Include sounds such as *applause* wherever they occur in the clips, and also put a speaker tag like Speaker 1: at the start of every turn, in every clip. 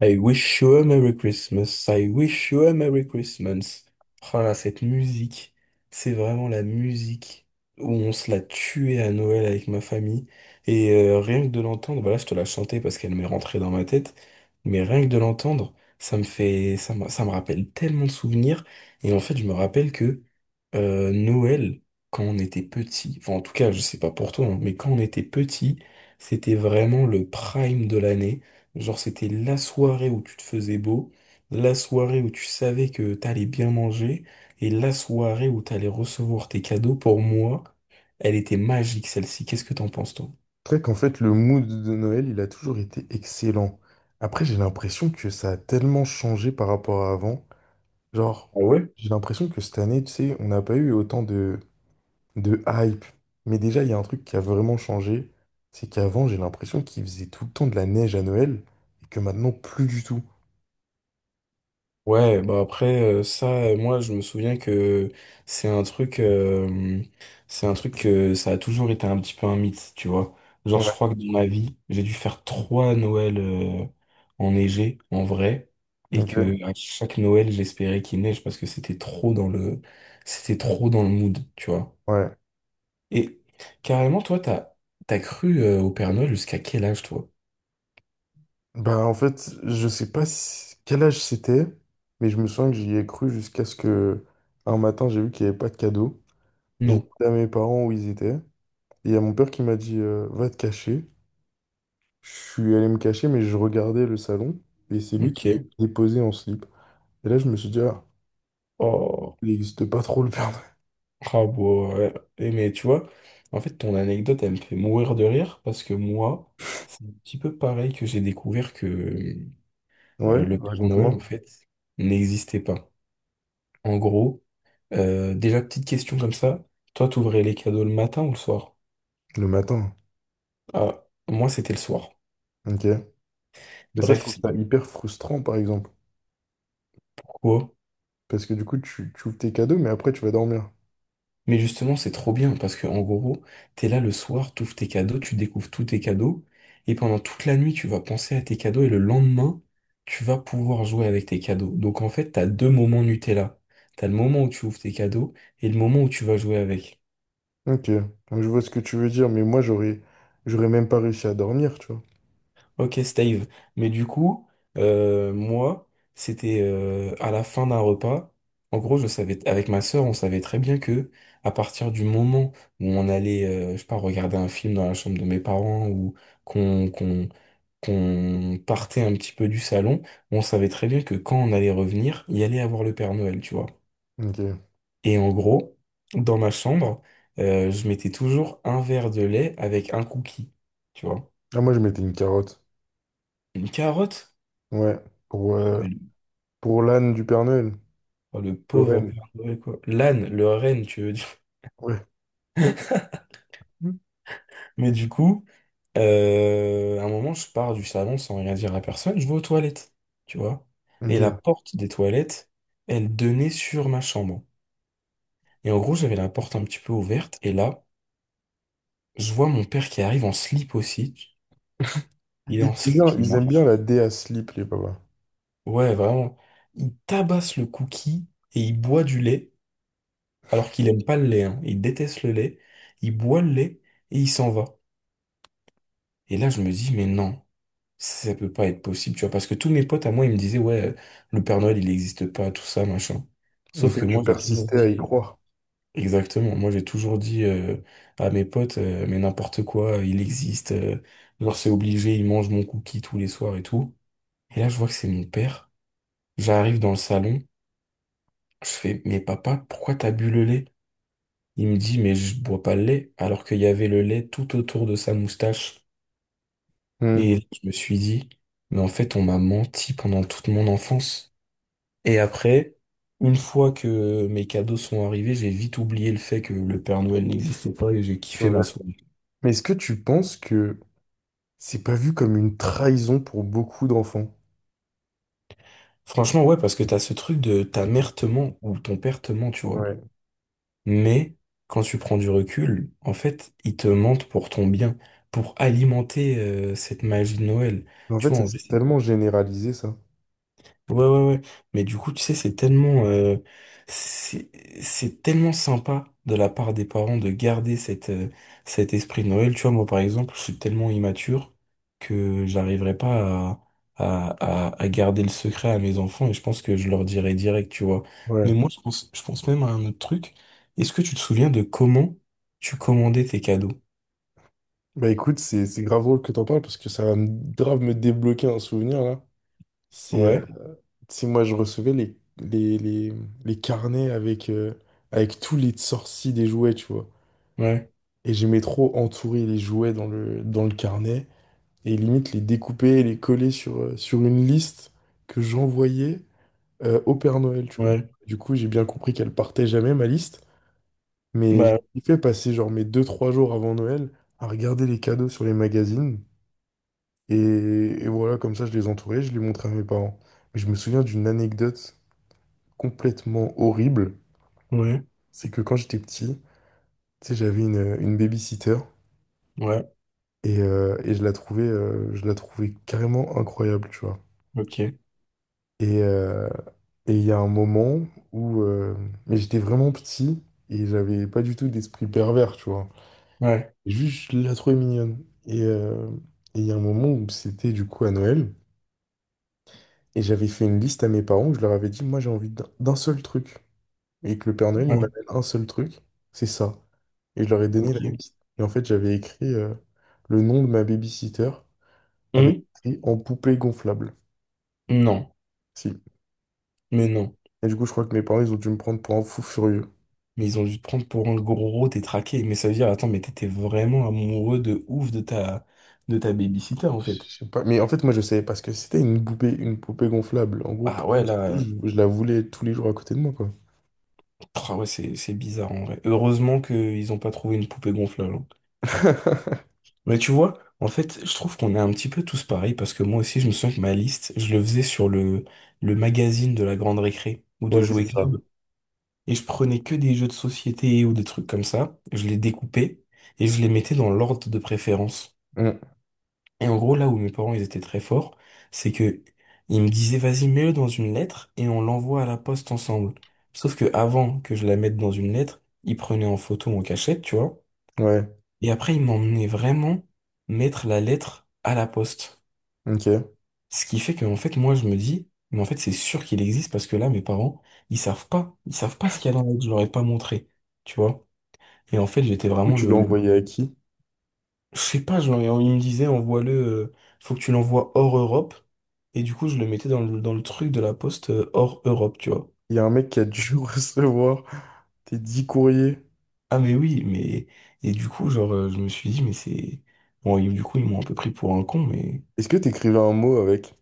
Speaker 1: I wish you a Merry Christmas, I wish you a Merry Christmas. Oh là, cette musique, c'est vraiment la musique où on se l'a tuée à Noël avec ma famille. Et rien que de l'entendre, bah là je te la chantais parce qu'elle m'est rentrée dans ma tête, mais rien que de l'entendre, ça me fait, ça me rappelle tellement de souvenirs. Et en fait, je me rappelle que Noël, quand on était petit, enfin en tout cas, je sais pas pour toi, hein, mais quand on était petit, c'était vraiment le prime de l'année. Genre, c'était la soirée où tu te faisais beau, la soirée où tu savais que t'allais bien manger, et la soirée où t'allais recevoir tes cadeaux. Pour moi, elle était magique, celle-ci. Qu'est-ce que t'en penses, toi?
Speaker 2: C'est vrai qu'en fait, le mood de Noël, il a toujours été excellent. Après, j'ai l'impression que ça a tellement changé par rapport à avant. Genre,
Speaker 1: Ah ouais?
Speaker 2: j'ai l'impression que cette année, tu sais, on n'a pas eu autant de hype. Mais déjà, il y a un truc qui a vraiment changé. C'est qu'avant, j'ai l'impression qu'il faisait tout le temps de la neige à Noël et que maintenant, plus du tout.
Speaker 1: Ouais, bah après moi je me souviens que c'est un truc, euh, c'est un truc que ça a toujours été un petit peu un mythe, tu vois. Genre je
Speaker 2: Ouais.
Speaker 1: crois que dans ma vie, j'ai dû faire trois Noëls enneigés en vrai, et
Speaker 2: Ok.
Speaker 1: que à chaque Noël j'espérais qu'il neige parce que c'était trop dans le mood, tu vois.
Speaker 2: Ouais.
Speaker 1: Et carrément t'as cru au Père Noël jusqu'à quel âge toi?
Speaker 2: Bah, en fait, je sais pas si- quel âge c'était, mais je me souviens que j'y ai cru jusqu'à ce que un matin, j'ai vu qu'il n'y avait pas de cadeau. J'ai
Speaker 1: Non.
Speaker 2: demandé à mes parents où ils étaient. Et il y a mon père qui m'a dit, va te cacher. Je suis allé me cacher, mais je regardais le salon et c'est lui qui l'a
Speaker 1: Ok.
Speaker 2: déposé en slip. Et là, je me suis dit, ah,
Speaker 1: Oh.
Speaker 2: il n'existe pas trop le Père
Speaker 1: Ah, bon, ouais. Et mais tu vois, en fait, ton anecdote, elle me fait mourir de rire parce que moi, c'est un petit peu pareil que j'ai découvert que
Speaker 2: Noël.
Speaker 1: le
Speaker 2: Ouais,
Speaker 1: Père Noël, en
Speaker 2: raconte-moi.
Speaker 1: fait, n'existait pas. En gros, déjà, petite question comme ça, toi, t'ouvrais les cadeaux le matin ou le soir?
Speaker 2: Le matin.
Speaker 1: Ah, moi, c'était le soir.
Speaker 2: Ok. Mais ça, je
Speaker 1: Bref,
Speaker 2: trouve ça
Speaker 1: c'est
Speaker 2: hyper frustrant, par exemple.
Speaker 1: pourquoi
Speaker 2: Parce que du coup, tu ouvres tes cadeaux, mais après, tu vas dormir.
Speaker 1: Mais justement, c'est trop bien parce que en gros, t'es là le soir, t'ouvres tes cadeaux, tu découvres tous tes cadeaux, et pendant toute la nuit, tu vas penser à tes cadeaux, et le lendemain, tu vas pouvoir jouer avec tes cadeaux. Donc en fait, t'as deux moments Nutella. T'as le moment où tu ouvres tes cadeaux et le moment où tu vas jouer avec.
Speaker 2: Ok. Donc, je vois ce que tu veux dire, mais moi, j'aurais même pas réussi à dormir, tu vois.
Speaker 1: Ok, Steve. Mais du coup, moi, c'était à la fin d'un repas. En gros, je savais, avec ma sœur, on savait très bien que à partir du moment où on allait, je sais pas, regarder un film dans la chambre de mes parents ou qu'on qu'on qu'on partait un petit peu du salon, on savait très bien que quand on allait revenir, il y allait avoir le Père Noël, tu vois.
Speaker 2: Ok.
Speaker 1: Et en gros, dans ma chambre, je mettais toujours un verre de lait avec un cookie, tu vois.
Speaker 2: Ah, moi, je mettais une carotte.
Speaker 1: Une carotte.
Speaker 2: Ouais. Pour, euh, pour l'âne du Père Noël.
Speaker 1: Oh, le
Speaker 2: Le
Speaker 1: pauvre
Speaker 2: renne.
Speaker 1: Père Noël, quoi. L'âne, le renne, tu veux dire.
Speaker 2: Ouais.
Speaker 1: *laughs*
Speaker 2: Mm.
Speaker 1: Mais du coup, à un moment, je pars du salon sans rien dire à personne, je vais aux toilettes, tu vois. Et la
Speaker 2: Ok.
Speaker 1: porte des toilettes, elle donnait sur ma chambre. Et en gros, j'avais la porte un petit peu ouverte, et là, je vois mon père qui arrive en slip aussi. Il est en slip, il
Speaker 2: Ils aiment bien
Speaker 1: marche.
Speaker 2: la dé à slip, les papas.
Speaker 1: Ouais, vraiment. Il tabasse le cookie et il boit du lait, alors qu'il aime pas le lait, hein. Il déteste le lait. Il boit le lait et il s'en va. Et là, je me dis, mais non. Ça peut pas être possible, tu vois, parce que tous mes potes à moi, ils me disaient, ouais, le Père Noël, il n'existe pas, tout ça, machin.
Speaker 2: Et
Speaker 1: Sauf
Speaker 2: toi,
Speaker 1: que
Speaker 2: tu
Speaker 1: moi, j'ai toujours
Speaker 2: persistais à y
Speaker 1: dit,
Speaker 2: croire.
Speaker 1: exactement, moi, j'ai toujours dit à mes potes, mais n'importe quoi, il existe, genre, c'est obligé, il mange mon cookie tous les soirs et tout. Et là, je vois que c'est mon père. J'arrive dans le salon, je fais, mais papa, pourquoi t'as bu le lait? Il me dit, mais je bois pas le lait, alors qu'il y avait le lait tout autour de sa moustache.
Speaker 2: Hmm,
Speaker 1: Et je me suis dit, mais en fait, on m'a menti pendant toute mon enfance. Et après, une fois que mes cadeaux sont arrivés, j'ai vite oublié le fait que le Père Noël n'existait pas et j'ai
Speaker 2: c'est
Speaker 1: kiffé
Speaker 2: vrai.
Speaker 1: ma soirée.
Speaker 2: Mais est-ce que tu penses que c'est pas vu comme une trahison pour beaucoup d'enfants?
Speaker 1: Franchement, ouais, parce que t'as ce truc de ta mère te ment ou ton père te ment, tu vois.
Speaker 2: Ouais.
Speaker 1: Mais quand tu prends du recul, en fait, ils te mentent pour ton bien, pour alimenter cette magie de Noël.
Speaker 2: En
Speaker 1: Tu
Speaker 2: fait,
Speaker 1: vois,
Speaker 2: ça
Speaker 1: en vrai,
Speaker 2: s'est tellement généralisé, ça.
Speaker 1: ouais, ouais, ouais. Mais du coup, tu sais, c'est, c'est tellement sympa de la part des parents de garder cet esprit de Noël. Tu vois, moi, par exemple, je suis tellement immature que j'arriverai pas à garder le secret à mes enfants et je pense que je leur dirai direct, tu vois. Mais
Speaker 2: Ouais.
Speaker 1: moi, je pense même à un autre truc. Est-ce que tu te souviens de comment tu commandais tes cadeaux?
Speaker 2: Bah écoute, c'est grave drôle que t'en parles parce que grave me débloquer un souvenir là. C'est
Speaker 1: Ouais,
Speaker 2: si moi je recevais les carnets avec, avec tous les sorties des jouets, tu vois.
Speaker 1: ouais,
Speaker 2: Et j'aimais trop entourer les jouets dans le carnet. Et limite les découper et les coller sur, sur une liste que j'envoyais au Père Noël, tu vois.
Speaker 1: ouais.
Speaker 2: Du coup, j'ai bien compris qu'elle partait jamais, ma liste, mais
Speaker 1: Bah,
Speaker 2: j'ai fait passer genre mes deux trois jours avant Noël à regarder les cadeaux sur les magazines, et voilà, comme ça, je les entourais, je les montrais à mes parents. Mais je me souviens d'une anecdote complètement horrible,
Speaker 1: ouais,
Speaker 2: c'est que quand j'étais petit, tu sais, j'avais une babysitter,
Speaker 1: ouais,
Speaker 2: et je la trouvais carrément incroyable, tu vois.
Speaker 1: ok.
Speaker 2: Et euh, et il y a un moment où mais j'étais vraiment petit et j'avais pas du tout d'esprit pervers, tu vois.
Speaker 1: Ouais,
Speaker 2: Juste, je la trouvais mignonne. Et il y a un moment où c'était du coup à Noël. Et j'avais fait une liste à mes parents où je leur avais dit, moi j'ai envie d'un seul truc. Et que le Père Noël, il
Speaker 1: ouais,
Speaker 2: m'amène un seul truc, c'est ça. Et je leur ai donné la
Speaker 1: ok.
Speaker 2: liste. Et en fait, j'avais écrit le nom de ma babysitter avec
Speaker 1: Hum.
Speaker 2: écrit en poupée gonflable.
Speaker 1: Non.
Speaker 2: Si.
Speaker 1: Mais non.
Speaker 2: Et du coup, je crois que mes parents, ils ont dû me prendre pour un fou furieux.
Speaker 1: Mais ils ont dû te prendre pour un gros détraqué. Mais ça veut dire, attends, mais t'étais vraiment amoureux de ouf de ta babysitter, en fait.
Speaker 2: Je sais pas, mais en fait, moi, je savais parce que c'était une poupée gonflable. En gros,
Speaker 1: Ah
Speaker 2: pour moi,
Speaker 1: ouais,
Speaker 2: c'était-
Speaker 1: là,
Speaker 2: je la voulais tous les jours à côté de moi, quoi.
Speaker 1: ah ouais, c'est bizarre, en vrai. Heureusement qu'ils ont pas trouvé une poupée gonflable, hein.
Speaker 2: *laughs*
Speaker 1: Mais tu vois, en fait, je trouve qu'on est un petit peu tous pareils parce que moi aussi, je me souviens que ma liste, je le faisais le magazine de la Grande Récré ou de
Speaker 2: Ouais, c'est
Speaker 1: Jouets
Speaker 2: ça.
Speaker 1: Club. Et je prenais que des jeux de société ou des trucs comme ça. Je les découpais et je les mettais dans l'ordre de préférence.
Speaker 2: Mm.
Speaker 1: Et en gros, là où mes parents, ils étaient très forts, c'est que ils me disaient, vas-y, mets-le dans une lettre et on l'envoie à la poste ensemble. Sauf que avant que je la mette dans une lettre, ils prenaient en photo en cachette, tu vois.
Speaker 2: Ouais,
Speaker 1: Et après, ils m'emmenaient vraiment mettre la lettre à la poste.
Speaker 2: ok.
Speaker 1: Ce qui fait que, en fait, moi, je me dis, mais en fait, c'est sûr qu'il existe parce que là, mes parents, ils savent pas. Ils savent pas ce qu'il y a dans la lettre. Je leur ai pas montré, tu vois. Et en fait, j'étais
Speaker 2: Où
Speaker 1: vraiment
Speaker 2: tu l'as
Speaker 1: le
Speaker 2: envoyé à qui?
Speaker 1: Je sais pas, genre, il me disait, envoie-le, faut que tu l'envoies hors Europe. Et du coup, je le mettais dans le truc de la poste hors Europe, tu vois.
Speaker 2: Il y a un mec qui a dû *laughs* recevoir tes 10 courriers.
Speaker 1: Ah, mais oui, mais. Et du coup, genre, je me suis dit, mais c'est. Bon, et du coup, ils m'ont un peu pris pour un con, mais.
Speaker 2: Est-ce que tu écrivais un mot avec?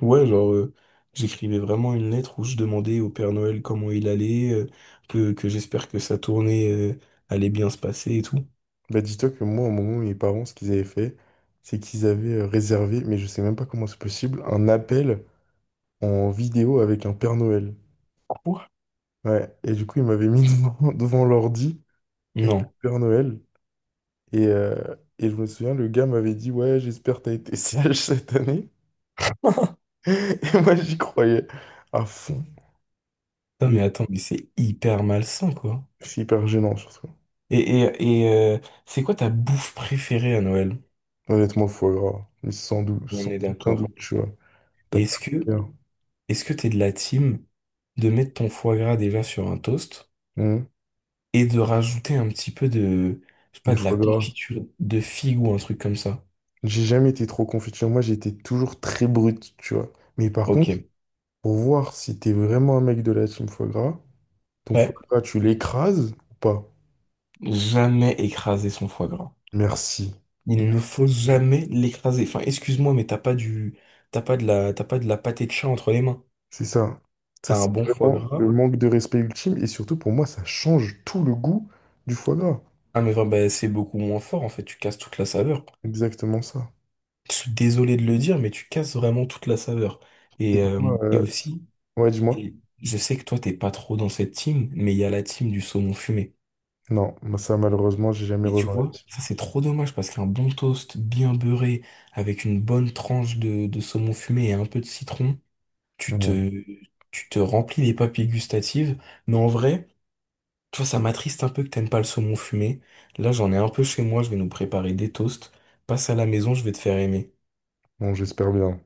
Speaker 1: Ouais, genre, j'écrivais vraiment une lettre où je demandais au Père Noël comment il allait, que j'espère que sa tournée, allait bien se passer et tout.
Speaker 2: Bah, dis-toi que moi, à un moment, mes parents, ce qu'ils avaient fait, c'est qu'ils avaient réservé, mais je sais même pas comment c'est possible, un appel en vidéo avec un Père Noël.
Speaker 1: Quoi?
Speaker 2: Ouais, et du coup, ils m'avaient mis *laughs* devant, devant l'ordi avec le
Speaker 1: Non.
Speaker 2: Père Noël. Et je me souviens, le gars m'avait dit, ouais, j'espère que t'as été *laughs* sage cette année. *laughs* Et moi, j'y croyais à fond.
Speaker 1: Non,
Speaker 2: Et
Speaker 1: mais attends, mais c'est hyper malsain, quoi.
Speaker 2: c'est hyper gênant, surtout.
Speaker 1: Et c'est quoi ta bouffe préférée à Noël?
Speaker 2: Honnêtement, le foie gras. Mais sans doute,
Speaker 1: On
Speaker 2: sans
Speaker 1: est
Speaker 2: aucun
Speaker 1: d'accord.
Speaker 2: doute, tu vois.
Speaker 1: Et
Speaker 2: T'as pas
Speaker 1: est-ce
Speaker 2: de
Speaker 1: que
Speaker 2: meilleur.
Speaker 1: t'es de la team de mettre ton foie gras déjà sur un toast
Speaker 2: Hum.
Speaker 1: et de rajouter un petit peu de, je sais pas,
Speaker 2: Le
Speaker 1: de la
Speaker 2: foie gras.
Speaker 1: confiture de figue ou un truc comme ça?
Speaker 2: J'ai jamais été trop confiture. Moi, j'étais toujours très brut tu vois. Mais par contre,
Speaker 1: Ok.
Speaker 2: pour voir si t'es vraiment un mec de la team foie gras, ton foie
Speaker 1: Ouais.
Speaker 2: gras, tu l'écrases ou pas?
Speaker 1: Jamais écraser son foie gras.
Speaker 2: Merci.
Speaker 1: Il ne
Speaker 2: Merci.
Speaker 1: faut jamais l'écraser. Enfin, excuse-moi, mais t'as pas de la pâté de chat entre les mains.
Speaker 2: C'est ça. Ça,
Speaker 1: T'as un
Speaker 2: c'est
Speaker 1: bon foie
Speaker 2: vraiment
Speaker 1: gras.
Speaker 2: le manque de respect ultime. Et surtout, pour moi, ça change tout le goût du foie gras.
Speaker 1: Ah, mais vraiment, bah, c'est beaucoup moins fort, en fait. Tu casses toute la saveur.
Speaker 2: Exactement ça.
Speaker 1: Je suis désolé de le dire, mais tu casses vraiment toute la saveur.
Speaker 2: Et
Speaker 1: Et,
Speaker 2: toi,
Speaker 1: aussi,
Speaker 2: ouais, dis-moi.
Speaker 1: et je sais que toi, t'es pas trop dans cette team, mais il y a la team du saumon fumé.
Speaker 2: Non, moi, ça, malheureusement, j'ai jamais
Speaker 1: Et tu
Speaker 2: relevé.
Speaker 1: vois, ça c'est trop dommage parce qu'un bon toast bien beurré avec une bonne tranche de saumon fumé et un peu de citron, tu te, tu te remplis les papilles gustatives. Mais en vrai, tu vois, ça m'attriste un peu que t'aimes pas le saumon fumé. Là, j'en ai un peu chez moi, je vais nous préparer des toasts. Passe à la maison, je vais te faire aimer.
Speaker 2: Bon, j'espère bien.